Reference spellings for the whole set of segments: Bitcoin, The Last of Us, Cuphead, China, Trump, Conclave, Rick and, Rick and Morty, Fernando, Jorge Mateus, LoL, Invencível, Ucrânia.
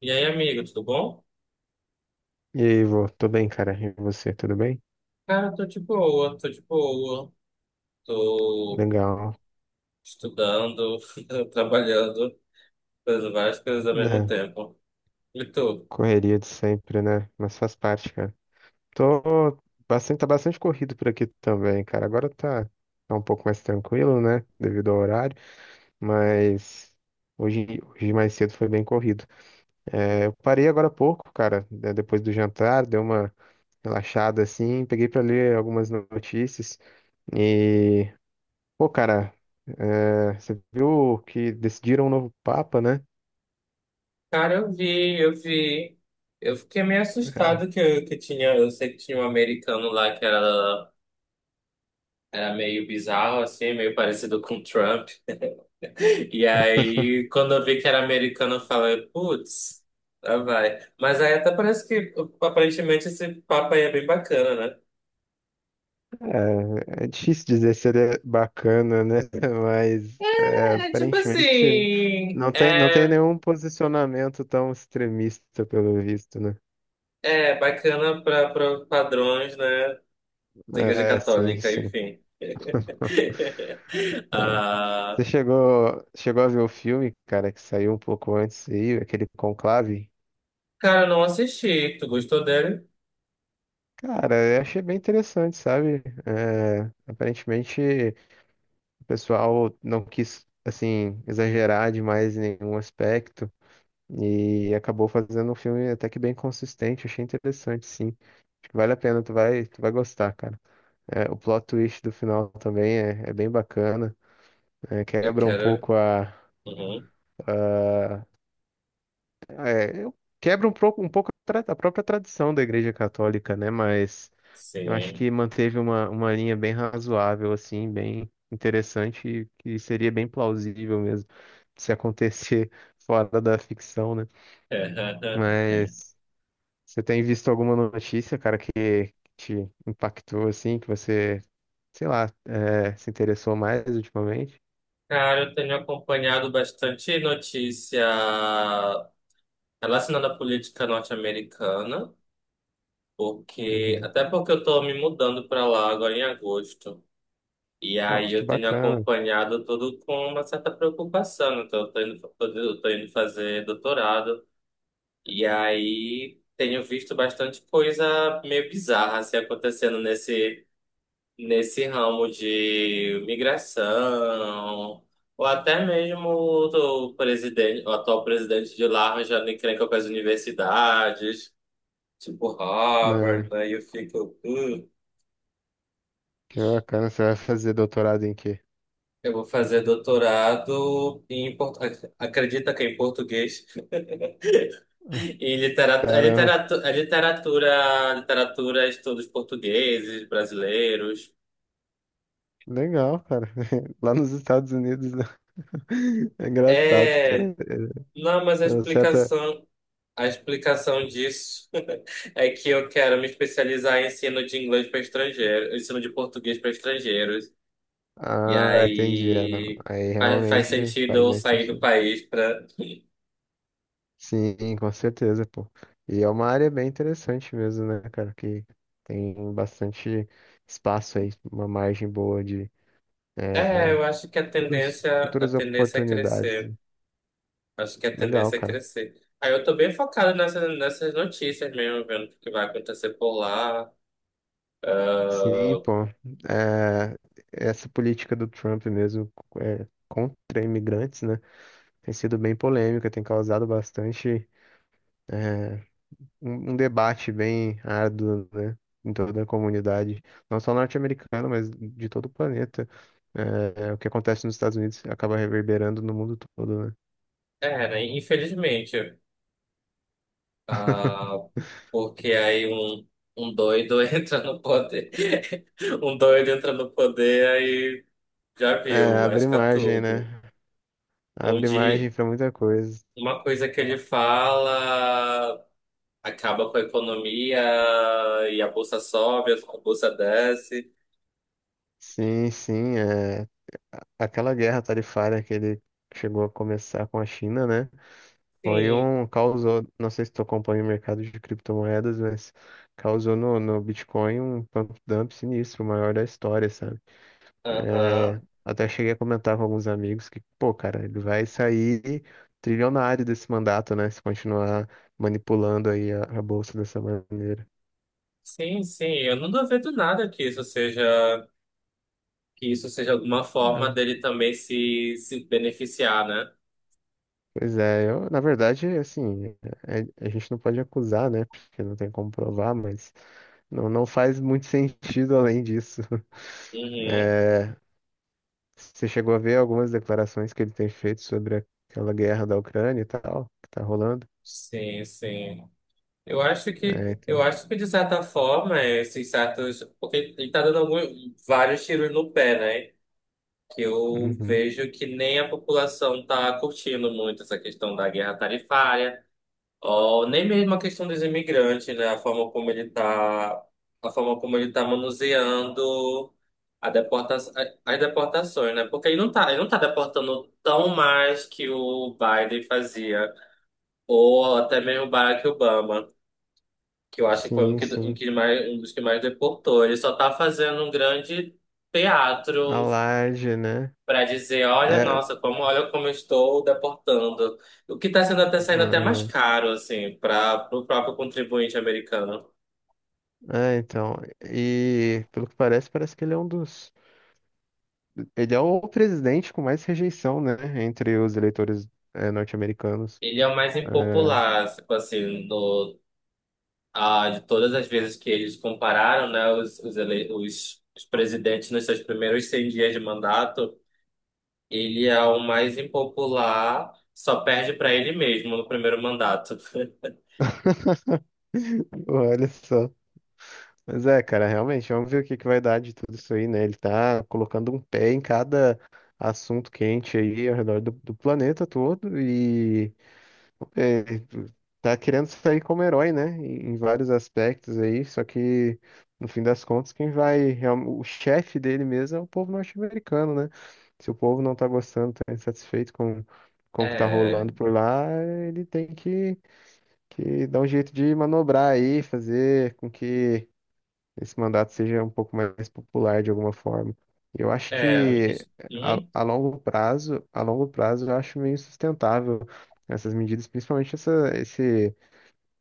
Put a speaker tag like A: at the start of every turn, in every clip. A: E aí, amigo, tudo bom?
B: E aí, Ivo, tô bem, cara. E você, tudo bem?
A: Cara, tô de boa, tô de boa. Tô
B: Legal.
A: estudando, trabalhando, fazendo várias coisas ao mesmo
B: Né?
A: tempo. E tu?
B: Correria de sempre, né? Mas faz parte, cara. Tô tá bastante corrido por aqui também, cara. Tá um pouco mais tranquilo, né? Devido ao horário, mas hoje mais cedo foi bem corrido. Eu parei agora há pouco, cara, né, depois do jantar, dei uma relaxada assim, peguei pra ler algumas notícias e, pô, cara, você viu que decidiram um novo papa, né?
A: Cara, eu vi, eu vi. Eu fiquei meio assustado que tinha. Eu sei que tinha um americano lá era meio bizarro, assim, meio parecido com o Trump. E aí, quando eu vi que era americano, eu falei, putz, lá vai. Mas aí até parece que aparentemente esse papo aí é bem bacana, né?
B: É, é difícil dizer se ele é bacana, né? Mas é,
A: É tipo
B: aparentemente
A: assim,
B: não tem
A: é,
B: nenhum posicionamento tão extremista, pelo visto, né?
A: é bacana para padrões, né? Da Igreja
B: É, sim,
A: Católica,
B: sim.
A: enfim. Ah,
B: Chegou a ver o filme, cara, que saiu um pouco antes aí, aquele Conclave?
A: cara, eu não assisti. Tu gostou dele?
B: Cara, eu achei bem interessante, sabe? É, aparentemente o pessoal não quis, assim, exagerar demais em nenhum aspecto. E acabou fazendo um filme até que bem consistente, achei interessante, sim. Acho que vale a pena, tu vai gostar, cara. É, o plot twist do final também é bem bacana, é,
A: Eu
B: quebra um
A: quero.
B: pouco
A: Uhum,
B: a- quebra um pouco, a, a própria tradição da Igreja Católica, né? Mas eu acho
A: sim.
B: que manteve uma linha bem razoável, assim, bem interessante, e que seria bem plausível mesmo se acontecer fora da ficção, né? Mas. Você tem visto alguma notícia, cara, que te impactou assim, que você, sei lá, se interessou mais ultimamente?
A: Cara, eu tenho acompanhado bastante notícia relacionada à política norte-americana, porque
B: Uhum.
A: até porque eu tô me mudando para lá agora em agosto. E
B: Ó,
A: aí
B: que
A: eu tenho
B: bacana.
A: acompanhado tudo com uma certa preocupação, né? Então, eu tô indo fazer doutorado. E aí tenho visto bastante coisa meio bizarra assim, acontecendo nesse ramo de migração. Ou até mesmo o atual presidente de lá arranjando encrenca com as universidades, tipo Harvard,
B: Né?
A: aí eu fico.
B: Que bacana. Você vai fazer doutorado em quê?
A: Eu vou fazer doutorado em port... acredita que é em português em
B: Caramba,
A: literatura, estudos portugueses, brasileiros.
B: legal, cara. Lá nos Estados Unidos, né? É engraçado, cara.
A: É,
B: É
A: não, mas
B: é uma certa.
A: a explicação disso é que eu quero me especializar em ensino de inglês para estrangeiros, ensino de português para estrangeiros. E
B: Ah, entendi. É, não.
A: aí
B: Aí
A: faz
B: realmente
A: sentido
B: faz
A: eu
B: mais
A: sair do
B: sentido.
A: país para...
B: Sim, com certeza, pô. E é uma área bem interessante mesmo, né, cara? Que tem bastante espaço aí, uma margem boa de
A: É,
B: eh,
A: eu acho que a
B: futuras
A: tendência é
B: oportunidades.
A: crescer. Acho que a
B: Legal,
A: tendência é
B: cara.
A: crescer. Aí eu tô bem focado nessas notícias mesmo, vendo o que vai acontecer por lá.
B: Sim,
A: Ah,
B: pô. Eh, essa política do Trump mesmo, contra imigrantes, né, tem sido bem polêmica, tem causado bastante. eh, um debate bem árduo, né, em toda a comunidade, não só norte-americana, mas de todo o planeta. O que acontece nos Estados Unidos acaba reverberando no mundo todo, né?
A: é, né? Infelizmente. Ah, porque aí um doido entra no poder. Um doido entra no poder, aí já viu,
B: É, abre
A: lasca
B: margem, né?
A: tudo.
B: Abre
A: Onde
B: margem para muita coisa.
A: uma coisa que ele fala acaba com a economia e a bolsa sobe, a bolsa desce.
B: Sim, sim, é... aquela guerra tarifária que ele chegou a começar com a China, né? Foi
A: Sim.
B: um causou, não sei se tu acompanha o mercado de criptomoedas, mas causou no Bitcoin um pump dump sinistro, o maior da história, sabe? É,
A: Aham.
B: até cheguei a comentar com alguns amigos que, pô, cara, ele vai sair trilionário desse mandato, né? Se continuar manipulando aí a bolsa dessa maneira.
A: Sim, sim, eu não duvido nada que isso seja alguma forma
B: Ah,
A: dele também se beneficiar, né?
B: pois é, eu, na verdade, assim, a gente não pode acusar, né? Porque não tem como provar, mas não faz muito sentido além disso.
A: Uhum.
B: É, você chegou a ver algumas declarações que ele tem feito sobre aquela guerra da Ucrânia e tal, que tá rolando?
A: Sim, sim.
B: É,
A: Eu
B: então,
A: acho que de certa forma, esses certos, porque ele tá dando algum- vários tiros no pé, né? Que eu
B: uhum.
A: vejo que nem a população tá curtindo muito essa questão da guerra tarifária. Ó, nem mesmo a questão dos imigrantes, né? A forma como ele tá manuseando a deporta, a- as deportações, né? Porque ele não tá deportando tão mais que o Biden fazia, ou até mesmo o Barack Obama, que eu acho que foi
B: Sim,
A: um,
B: sim.
A: que mais, um dos que mais deportou. Ele só tá fazendo um grande
B: A
A: teatro
B: laje, né?
A: para dizer, olha,
B: É,
A: nossa, como olha como eu estou deportando. O que está sendo até saindo até mais
B: ah,
A: caro, assim, para o próprio contribuinte americano.
B: é, então. E pelo que parece, parece que ele é um dos. Ele é o presidente com mais rejeição, né? Entre os eleitores norte-americanos.
A: Ele é o mais
B: É.
A: impopular, tipo assim, no, ah, de todas as vezes que eles compararam, né, os presidentes nos seus primeiros 100 dias de mandato, ele é o mais impopular, só perde para ele mesmo no primeiro mandato.
B: Olha só. Mas é, cara, realmente, vamos ver o que que vai dar de tudo isso aí, né? Ele tá colocando um pé em cada assunto quente aí ao redor do planeta todo, é, tá querendo sair como herói, né? Em, em vários aspectos aí, só que no fim das contas, quem vai, real- o chefe dele mesmo é o povo norte-americano, né? Se o povo não tá gostando, tá insatisfeito com o que tá
A: É,
B: rolando por lá, ele tem que dar um jeito de manobrar aí, fazer com que esse mandato seja um pouco mais popular de alguma forma. Eu acho
A: é, me
B: que
A: diz- Uhum.
B: a longo prazo, eu acho meio sustentável essas medidas, principalmente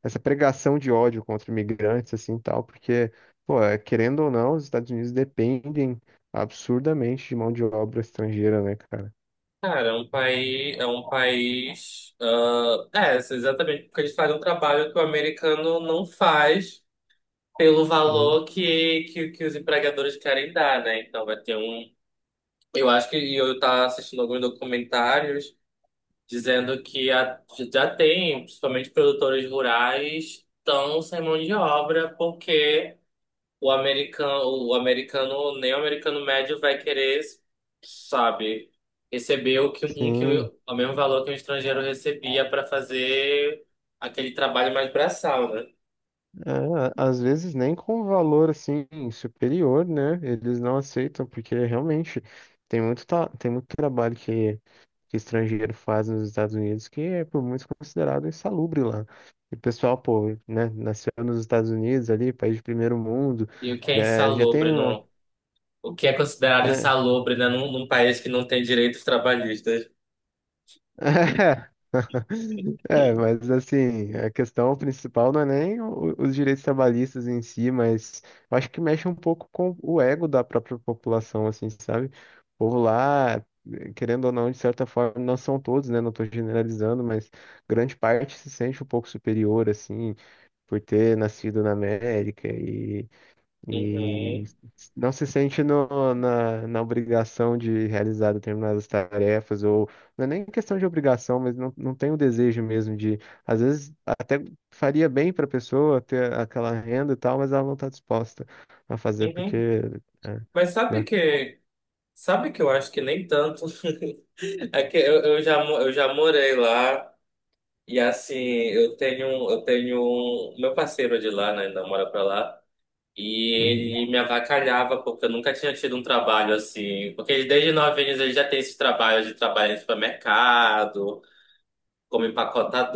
B: essa pregação de ódio contra imigrantes, assim, e tal, porque, pô, é, querendo ou não, os Estados Unidos dependem absurdamente de mão de obra estrangeira, né, cara?
A: Cara, é um país, ah, é, assim, exatamente, porque eles fazem um trabalho que o americano não faz pelo
B: Sim,
A: valor que os empregadores querem dar, né? Então vai ter um, eu acho que e eu estava assistindo alguns documentários dizendo que a- já tem, principalmente produtores rurais, estão sem mão de obra porque o americano, nem o americano médio vai querer, sabe, receber o que, um, que,
B: sim.
A: o mesmo valor que um estrangeiro recebia para fazer aquele trabalho mais braçal, né?
B: É, às vezes nem com um valor, assim, superior, né? Eles não aceitam, porque realmente tem muito trabalho que estrangeiro faz nos Estados Unidos, que é por muitos considerado insalubre lá. E o pessoal, pô, né, nasceu nos Estados Unidos ali, país de primeiro mundo,
A: E o que é
B: já tem
A: insalubre
B: uma.
A: no, o que é considerado
B: É,
A: insalubre, né, num país que não tem direitos trabalhistas.
B: é, mas assim, a questão principal não é nem os direitos trabalhistas em si, mas eu acho que mexe um pouco com o ego da própria população, assim, sabe? O povo lá, querendo ou não, de certa forma, não são todos, né? Não estou generalizando, mas grande parte se sente um pouco superior, assim, por ter nascido na América e
A: Uhum,
B: não se sente na obrigação de realizar determinadas tarefas, ou não é nem questão de obrigação, mas não tem o desejo mesmo de, às vezes até faria bem para a pessoa ter aquela renda e tal, mas ela não está disposta a fazer porque,
A: uhum.
B: é,
A: Mas
B: né?
A: sabe que eu acho que nem tanto. É que eu já, mo- eu já morei lá. E assim, um- meu parceiro de lá, né, ainda mora pra lá,
B: Uhum.
A: e ele me avacalhava porque eu nunca tinha tido um trabalho assim, porque ele, desde 9 anos ele já tem esses trabalhos de trabalhar em supermercado, como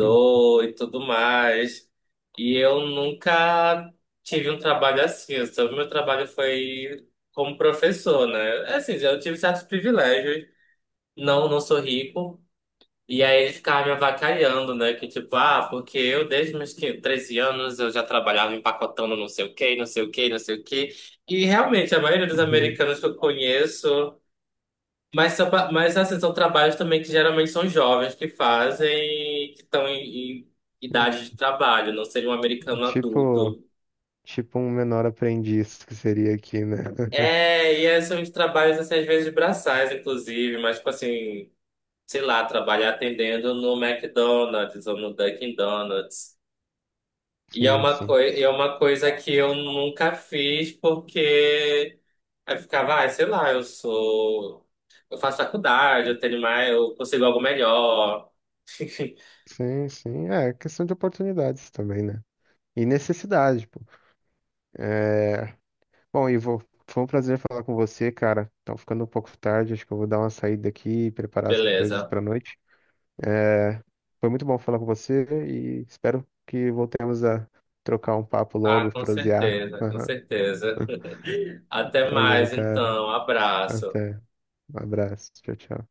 B: Uhum.
A: e tudo mais, e eu nunca tive um trabalho assim, eu só- meu trabalho foi como professor, né. É, assim, eu tive certos privilégios, não, não sou rico, e aí ele ficava me avacalhando, né? Que tipo, ah, porque eu desde meus 15, 13 anos eu já trabalhava empacotando não sei o quê, não sei o quê, não sei o quê. E realmente, a maioria dos
B: Uhum.
A: americanos que eu conheço, mas, são pa- mas assim, são trabalhos também que geralmente são jovens que fazem, que estão em idade de trabalho, não seria um
B: É,
A: americano
B: tipo,
A: adulto.
B: tipo um menor aprendiz que seria aqui, né?
A: É, e é, são os trabalhos, assim, às vezes braçais, inclusive, mas tipo assim, sei lá, trabalhar atendendo no McDonald's ou no Dunkin' Donuts. E é
B: Sim,
A: uma
B: sim.
A: coi- é uma coisa que eu nunca fiz porque aí eu ficava, ah, sei lá, eu sou. Eu faço faculdade, eu tenho mais, eu consigo algo melhor.
B: Sim, sim. É questão de oportunidades também, né? E necessidade, pô. É... Bom, Ivo, foi um prazer falar com você, cara. Tá ficando um pouco tarde, acho que eu vou dar uma saída aqui e preparar as coisas
A: Beleza.
B: pra noite. É... Foi muito bom falar com você e espero que voltemos a trocar um papo
A: Ah,
B: logo,
A: com
B: prosear.
A: certeza, com certeza. Até
B: Valeu,
A: mais,
B: cara.
A: então. Abraço.
B: Até. Um abraço. Tchau, tchau.